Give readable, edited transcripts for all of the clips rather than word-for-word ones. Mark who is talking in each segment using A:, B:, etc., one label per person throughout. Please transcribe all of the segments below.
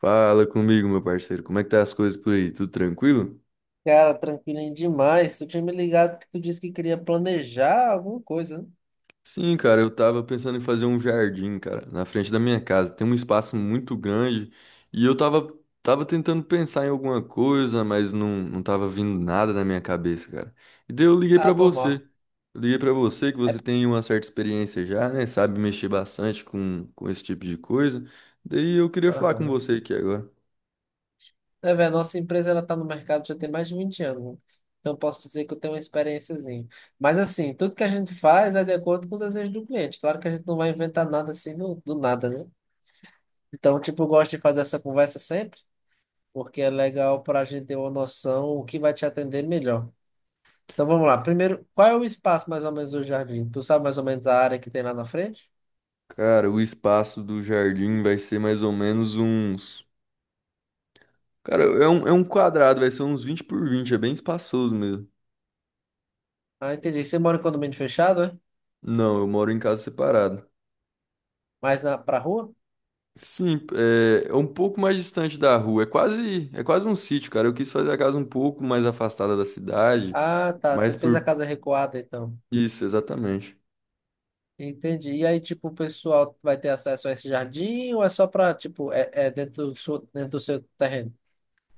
A: Fala comigo, meu parceiro. Como é que tá as coisas por aí? Tudo tranquilo?
B: Cara, tranquilinho demais. Tu tinha me ligado que tu disse que queria planejar alguma coisa, né?
A: Sim, cara, eu tava pensando em fazer um jardim, cara, na frente da minha casa. Tem um espaço muito grande e tava tentando pensar em alguma coisa, mas não tava vindo nada na minha cabeça, cara. E daí eu liguei
B: Ah,
A: pra
B: normal.
A: você. Eu liguei pra você que
B: É,
A: você tem uma certa experiência já, né? Sabe mexer bastante com esse tipo de coisa. Daí eu queria falar com
B: aham.
A: você aqui agora.
B: É, velho, nossa empresa ela tá no mercado já tem mais de 20 anos, né? Então eu posso dizer que eu tenho uma experiênciazinha. Mas assim, tudo que a gente faz é de acordo com o desejo do cliente. Claro que a gente não vai inventar nada assim do nada, né? Então, tipo, eu gosto de fazer essa conversa sempre, porque é legal para a gente ter uma noção o que vai te atender melhor. Então vamos lá. Primeiro, qual é o espaço mais ou menos do jardim? Tu sabe mais ou menos a área que tem lá na frente?
A: Cara, o espaço do jardim vai ser mais ou menos uns, cara, é um quadrado, vai ser uns 20 por 20, é bem espaçoso mesmo.
B: Ah, entendi. Você mora em condomínio fechado, é?
A: Não, eu moro em casa separada.
B: Mais pra rua?
A: Sim, é um pouco mais distante da rua, é quase um sítio, cara. Eu quis fazer a casa um pouco mais afastada da cidade,
B: Ah, tá. Você
A: mas
B: fez a
A: por
B: casa recuada, então.
A: isso, exatamente.
B: Entendi. E aí, tipo, o pessoal vai ter acesso a esse jardim ou é só pra, tipo, é dentro do seu terreno?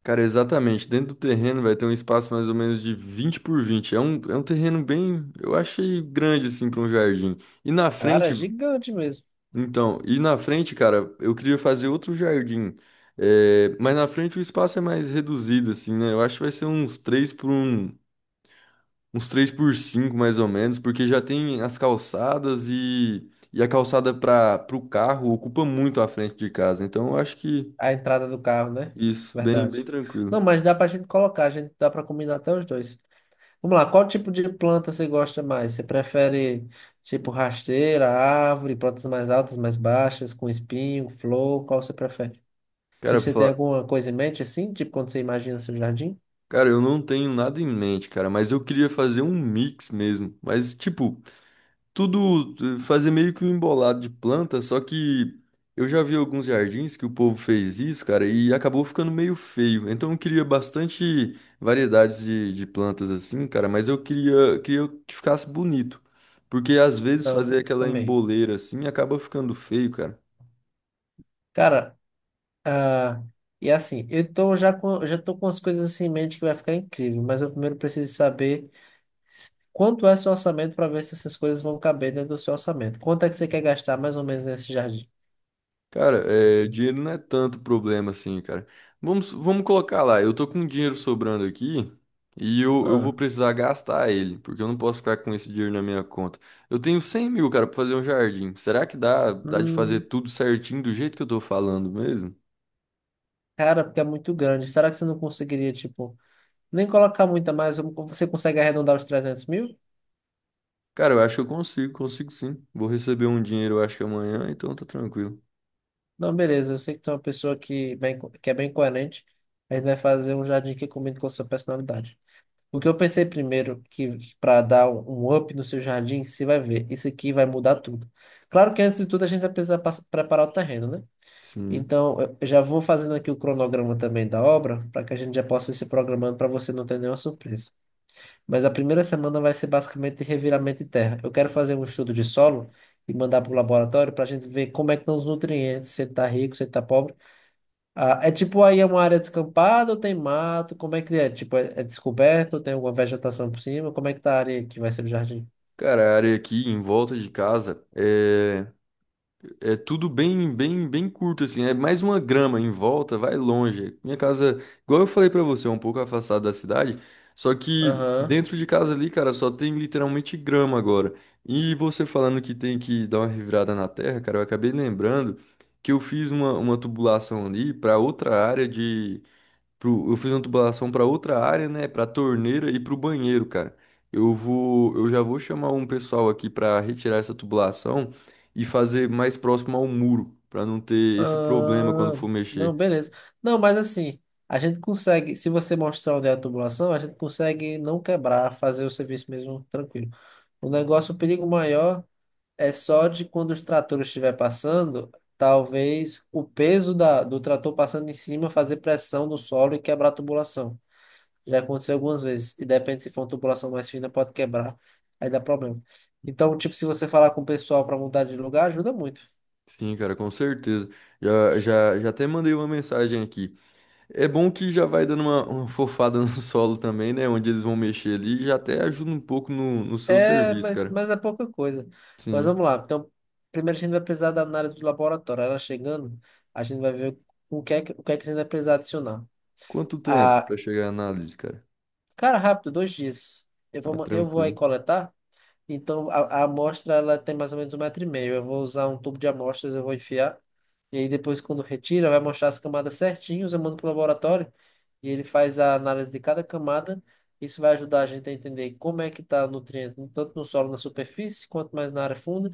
A: Cara, exatamente, dentro do terreno vai ter um espaço mais ou menos de 20 por 20. É um terreno bem, eu achei grande assim para um jardim. E na
B: Cara, é
A: frente
B: gigante mesmo.
A: Então, e na frente, cara, eu queria fazer outro jardim. É, mas na frente o espaço é mais reduzido, assim, né? Eu acho que vai ser uns 3 por 1, uns 3 por 5, mais ou menos, porque já tem as calçadas e a calçada para o carro ocupa muito a frente de casa. Então, eu acho que
B: A entrada do carro, né?
A: isso, bem, bem
B: Verdade. Não,
A: tranquilo.
B: mas dá pra gente colocar, a gente dá pra combinar até os dois. Vamos lá, qual tipo de planta você gosta mais? Você prefere, tipo, rasteira, árvore, plantas mais altas, mais baixas, com espinho, flor? Qual você prefere?
A: Cara,
B: Tipo,
A: pra
B: você tem
A: falar,
B: alguma coisa em mente assim? Tipo, quando você imagina seu jardim?
A: cara, eu não tenho nada em mente, cara, mas eu queria fazer um mix mesmo. Mas, tipo, tudo fazer meio que um embolado de planta, só que eu já vi alguns jardins que o povo fez isso, cara, e acabou ficando meio feio. Então eu queria bastante variedades de plantas assim, cara, mas queria que ficasse bonito. Porque às vezes fazer
B: Não,
A: aquela
B: amei.
A: emboleira assim acaba ficando feio, cara.
B: Cara, ah, e assim, eu tô já com, já tô com as coisas assim em mente que vai ficar incrível, mas eu primeiro preciso saber quanto é seu orçamento para ver se essas coisas vão caber dentro do seu orçamento. Quanto é que você quer gastar mais ou menos nesse jardim?
A: Cara, é, dinheiro não é tanto problema assim, cara. Vamos colocar lá, eu tô com dinheiro sobrando aqui e eu vou
B: Ah,
A: precisar gastar ele, porque eu não posso ficar com esse dinheiro na minha conta. Eu tenho 100 mil, cara, pra fazer um jardim. Será que dá de fazer
B: hum,
A: tudo certinho do jeito que eu tô falando mesmo?
B: cara, porque é muito grande. Será que você não conseguiria, tipo, nem colocar muita mais? Você consegue arredondar os 300 mil?
A: Cara, eu acho que eu consigo sim. Vou receber um dinheiro, eu acho que amanhã, então tá tranquilo.
B: Não, beleza, eu sei que tu é uma pessoa que, bem, que é bem coerente, a gente vai fazer um jardim que combine com a sua personalidade. O que eu pensei primeiro, que para dar um up no seu jardim, você vai ver, isso aqui vai mudar tudo. Claro que antes de tudo a gente vai precisar preparar o terreno, né?
A: Sim.
B: Então, eu já vou fazendo aqui o cronograma também da obra, para que a gente já possa ir se programando para você não ter nenhuma surpresa. Mas a primeira semana vai ser basicamente reviramento de terra. Eu quero fazer um estudo de solo e mandar para o laboratório para a gente ver como é que estão os nutrientes, se ele está rico, se ele está pobre. É, tipo, aí é uma área descampada ou tem mato? Como é que é? Tipo, é descoberto ou tem alguma vegetação por cima? Como é que tá a área que vai ser o jardim?
A: Cara, a área aqui em volta de casa é tudo bem curto, assim. É mais uma grama em volta, vai longe. Minha casa, igual eu falei pra você, é um pouco afastada da cidade. Só que
B: Aham.
A: dentro de casa ali, cara, só tem literalmente grama agora. E você falando que tem que dar uma revirada na terra, cara, eu acabei lembrando que eu fiz uma tubulação ali pra outra área de eu fiz uma tubulação para outra área, né? Para torneira e para o banheiro, cara. Eu já vou chamar um pessoal aqui para retirar essa tubulação e fazer mais próximo ao muro, para não ter esse problema quando
B: Ah,
A: for
B: não,
A: mexer.
B: beleza. Não, mas assim, a gente consegue, se você mostrar onde é a tubulação, a gente consegue não quebrar, fazer o serviço mesmo tranquilo. O negócio, o perigo maior é só de quando os tratores estiver passando, talvez o peso da, do trator passando em cima fazer pressão no solo e quebrar a tubulação. Já aconteceu algumas vezes. E depende se for uma tubulação mais fina, pode quebrar. Aí dá problema. Então, tipo, se você falar com o pessoal para mudar de lugar, ajuda muito.
A: Sim, cara, com certeza. Já até mandei uma mensagem aqui. É bom que já vai dando uma fofada no solo também, né? Onde eles vão mexer ali, já até ajuda um pouco no seu
B: É,
A: serviço,
B: mas,
A: cara.
B: mas é pouca coisa. Mas
A: Sim.
B: vamos lá. Então, primeiro a gente vai precisar da análise do laboratório. Ela chegando, a gente vai ver o que é que a gente vai precisar adicionar.
A: Quanto tempo
B: Ah,
A: para chegar a análise, cara?
B: cara, rápido, 2 dias. Eu vou,
A: Ah,
B: ma- eu vou aí
A: tranquilo.
B: coletar. Então a amostra ela tem mais ou menos um metro e meio. Eu vou usar um tubo de amostras, eu vou enfiar. E aí depois quando retira, vai mostrar as camadas certinhas, eu mando pro laboratório e ele faz a análise de cada camada. Isso vai ajudar a gente a entender como é que está o nutriente, tanto no solo, na superfície, quanto mais na área funda,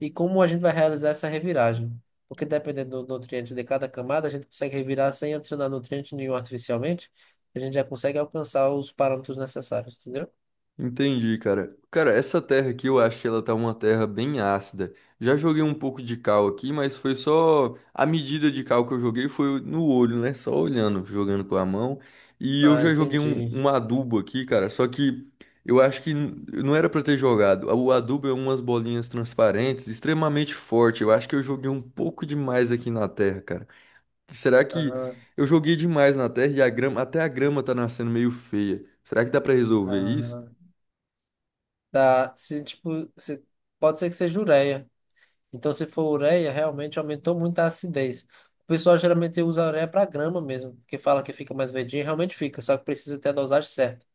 B: e como a gente vai realizar essa reviragem. Porque dependendo do nutriente de cada camada, a gente consegue revirar sem adicionar nutriente nenhum artificialmente, a gente já consegue alcançar os parâmetros necessários, entendeu?
A: Entendi, cara. Cara, essa terra aqui eu acho que ela tá uma terra bem ácida. Já joguei um pouco de cal aqui, mas foi só, a medida de cal que eu joguei foi no olho, né? Só olhando, jogando com a mão. E eu
B: Ah,
A: já joguei
B: entendi.
A: um adubo aqui, cara. Só que eu acho que não era pra ter jogado. O adubo é umas bolinhas transparentes, extremamente forte. Eu acho que eu joguei um pouco demais aqui na terra, cara. Será que
B: Aham.
A: eu joguei demais na terra e a grama, até a grama tá nascendo meio feia? Será que dá pra resolver isso?
B: Ah, tá. Se, tipo, se, pode ser que seja ureia. Então, se for ureia, realmente aumentou muito a acidez. O pessoal geralmente usa a ureia para grama mesmo, porque fala que fica mais verdinho, realmente fica, só que precisa ter a dosagem certa.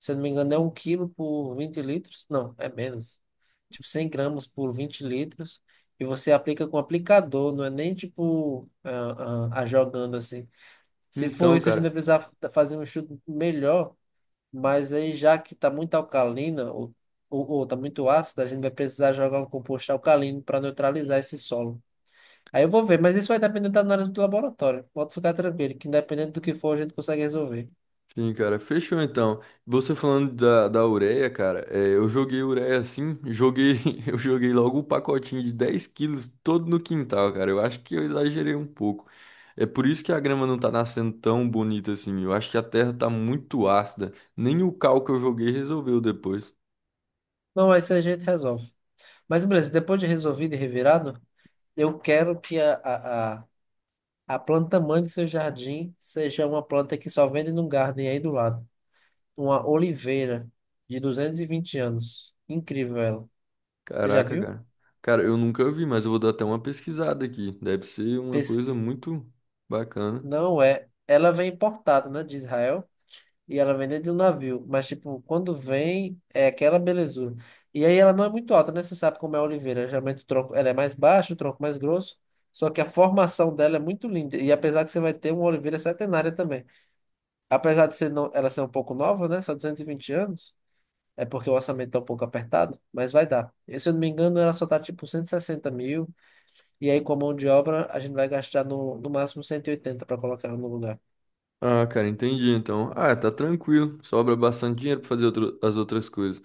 B: Se eu não me engano, é 1 quilo por 20 litros. Não, é menos. Tipo, 100 gramas por 20 litros. E você aplica com aplicador, não é nem tipo a jogando assim. Se for
A: Então,
B: isso, a gente
A: cara,
B: vai precisar fazer um estudo melhor, mas aí, já que está muito alcalina, ou tá muito ácida, a gente vai precisar jogar um composto alcalino para neutralizar esse solo. Aí eu vou ver, mas isso vai depender da análise do laboratório. Pode ficar tranquilo, que independente do que for, a gente consegue resolver.
A: sim, cara, fechou então. Você falando da ureia, cara, é, eu joguei ureia assim, joguei, eu joguei logo um pacotinho de 10 quilos todo no quintal, cara. Eu acho que eu exagerei um pouco. É por isso que a grama não tá nascendo tão bonita assim. Eu acho que a terra tá muito ácida. Nem o cal que eu joguei resolveu depois.
B: Não, mas isso a gente resolve. Mas beleza, depois de resolvido e revirado, eu quero que a planta mãe do seu jardim seja uma planta que só vende num garden aí do lado. Uma oliveira de 220 anos. Incrível ela. Você já
A: Caraca,
B: viu?
A: cara. Cara, eu nunca vi, mas eu vou dar até uma pesquisada aqui. Deve ser uma coisa muito bacana.
B: Não é. Ela vem importada, né, de Israel, e ela vem dentro de um navio. Mas, tipo, quando vem, é aquela belezura. E aí ela não é muito alta, né? Você sabe como é a oliveira. Geralmente o tronco, ela é mais baixa, o tronco mais grosso. Só que a formação dela é muito linda. E apesar que você vai ter uma oliveira centenária também. Apesar de ser não, ela ser um pouco nova, né? Só 220 anos. É porque o orçamento tá um pouco apertado, mas vai dar. E, se eu não me engano, ela só tá tipo 160 mil. E aí, com a mão de obra, a gente vai gastar no máximo 180 para colocar ela no lugar.
A: Ah, cara, entendi então. Ah, tá tranquilo. Sobra bastante dinheiro pra fazer as outras coisas.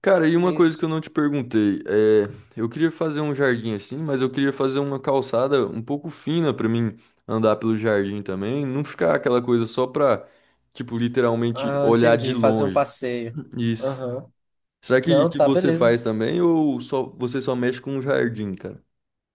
A: Cara, e uma
B: É
A: coisa que
B: isso.
A: eu não te perguntei, é, eu queria fazer um jardim assim, mas eu queria fazer uma calçada um pouco fina pra mim andar pelo jardim também, não ficar aquela coisa só pra, tipo, literalmente
B: Ah,
A: olhar de
B: entendi. Fazer um
A: longe.
B: passeio.
A: Isso.
B: Aham.
A: Será que,
B: Não,
A: que
B: tá,
A: você
B: beleza.
A: faz também ou só mexe com o jardim, cara?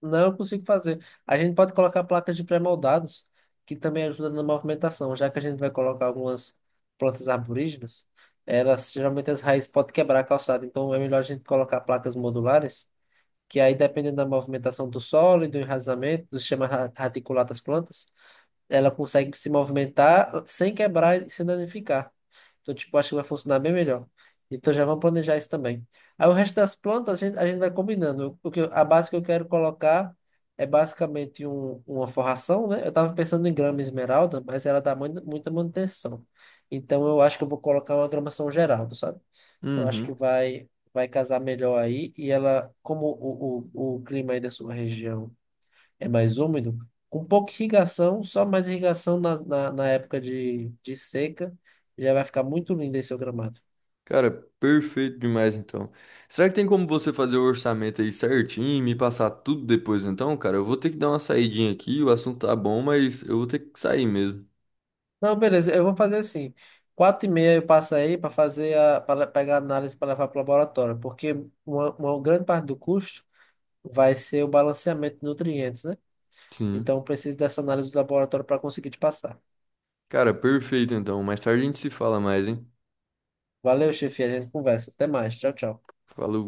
B: Não, eu consigo fazer. A gente pode colocar placas de pré-moldados, que também ajuda na movimentação, já que a gente vai colocar algumas plantas arborígenas, elas geralmente as raízes podem quebrar a calçada, então é melhor a gente colocar placas modulares, que aí dependendo da movimentação do solo e do enraizamento, do sistema radicular das plantas, ela consegue se movimentar sem quebrar e se danificar. Então, tipo, acho que vai funcionar bem melhor. Então já vamos planejar isso também. Aí o resto das plantas a gente vai combinando. O que, a base que eu quero colocar é basicamente um, uma forração, né? Eu estava pensando em grama esmeralda, mas ela dá muita, muita manutenção. Então eu acho que eu vou colocar uma grama São Geraldo, sabe? Eu acho que
A: Uhum.
B: vai casar melhor aí. E ela, como o clima aí da sua região é mais úmido, com pouca irrigação, só mais irrigação na época de seca, já vai ficar muito lindo esse seu gramado.
A: Cara, perfeito demais então. Será que tem como você fazer o orçamento aí certinho e me passar tudo depois então, cara? Eu vou ter que dar uma saidinha aqui, o assunto tá bom, mas eu vou ter que sair mesmo.
B: Não, beleza, eu vou fazer assim. 4h30 eu passo aí para para pegar a análise para levar para o laboratório, porque uma grande parte do custo vai ser o balanceamento de nutrientes, né?
A: Sim.
B: Então eu preciso dessa análise do laboratório para conseguir te passar.
A: Cara, perfeito então. Mais tarde a gente se fala mais, hein?
B: Valeu, chefe, a gente conversa. Até mais. Tchau, tchau.
A: Falou.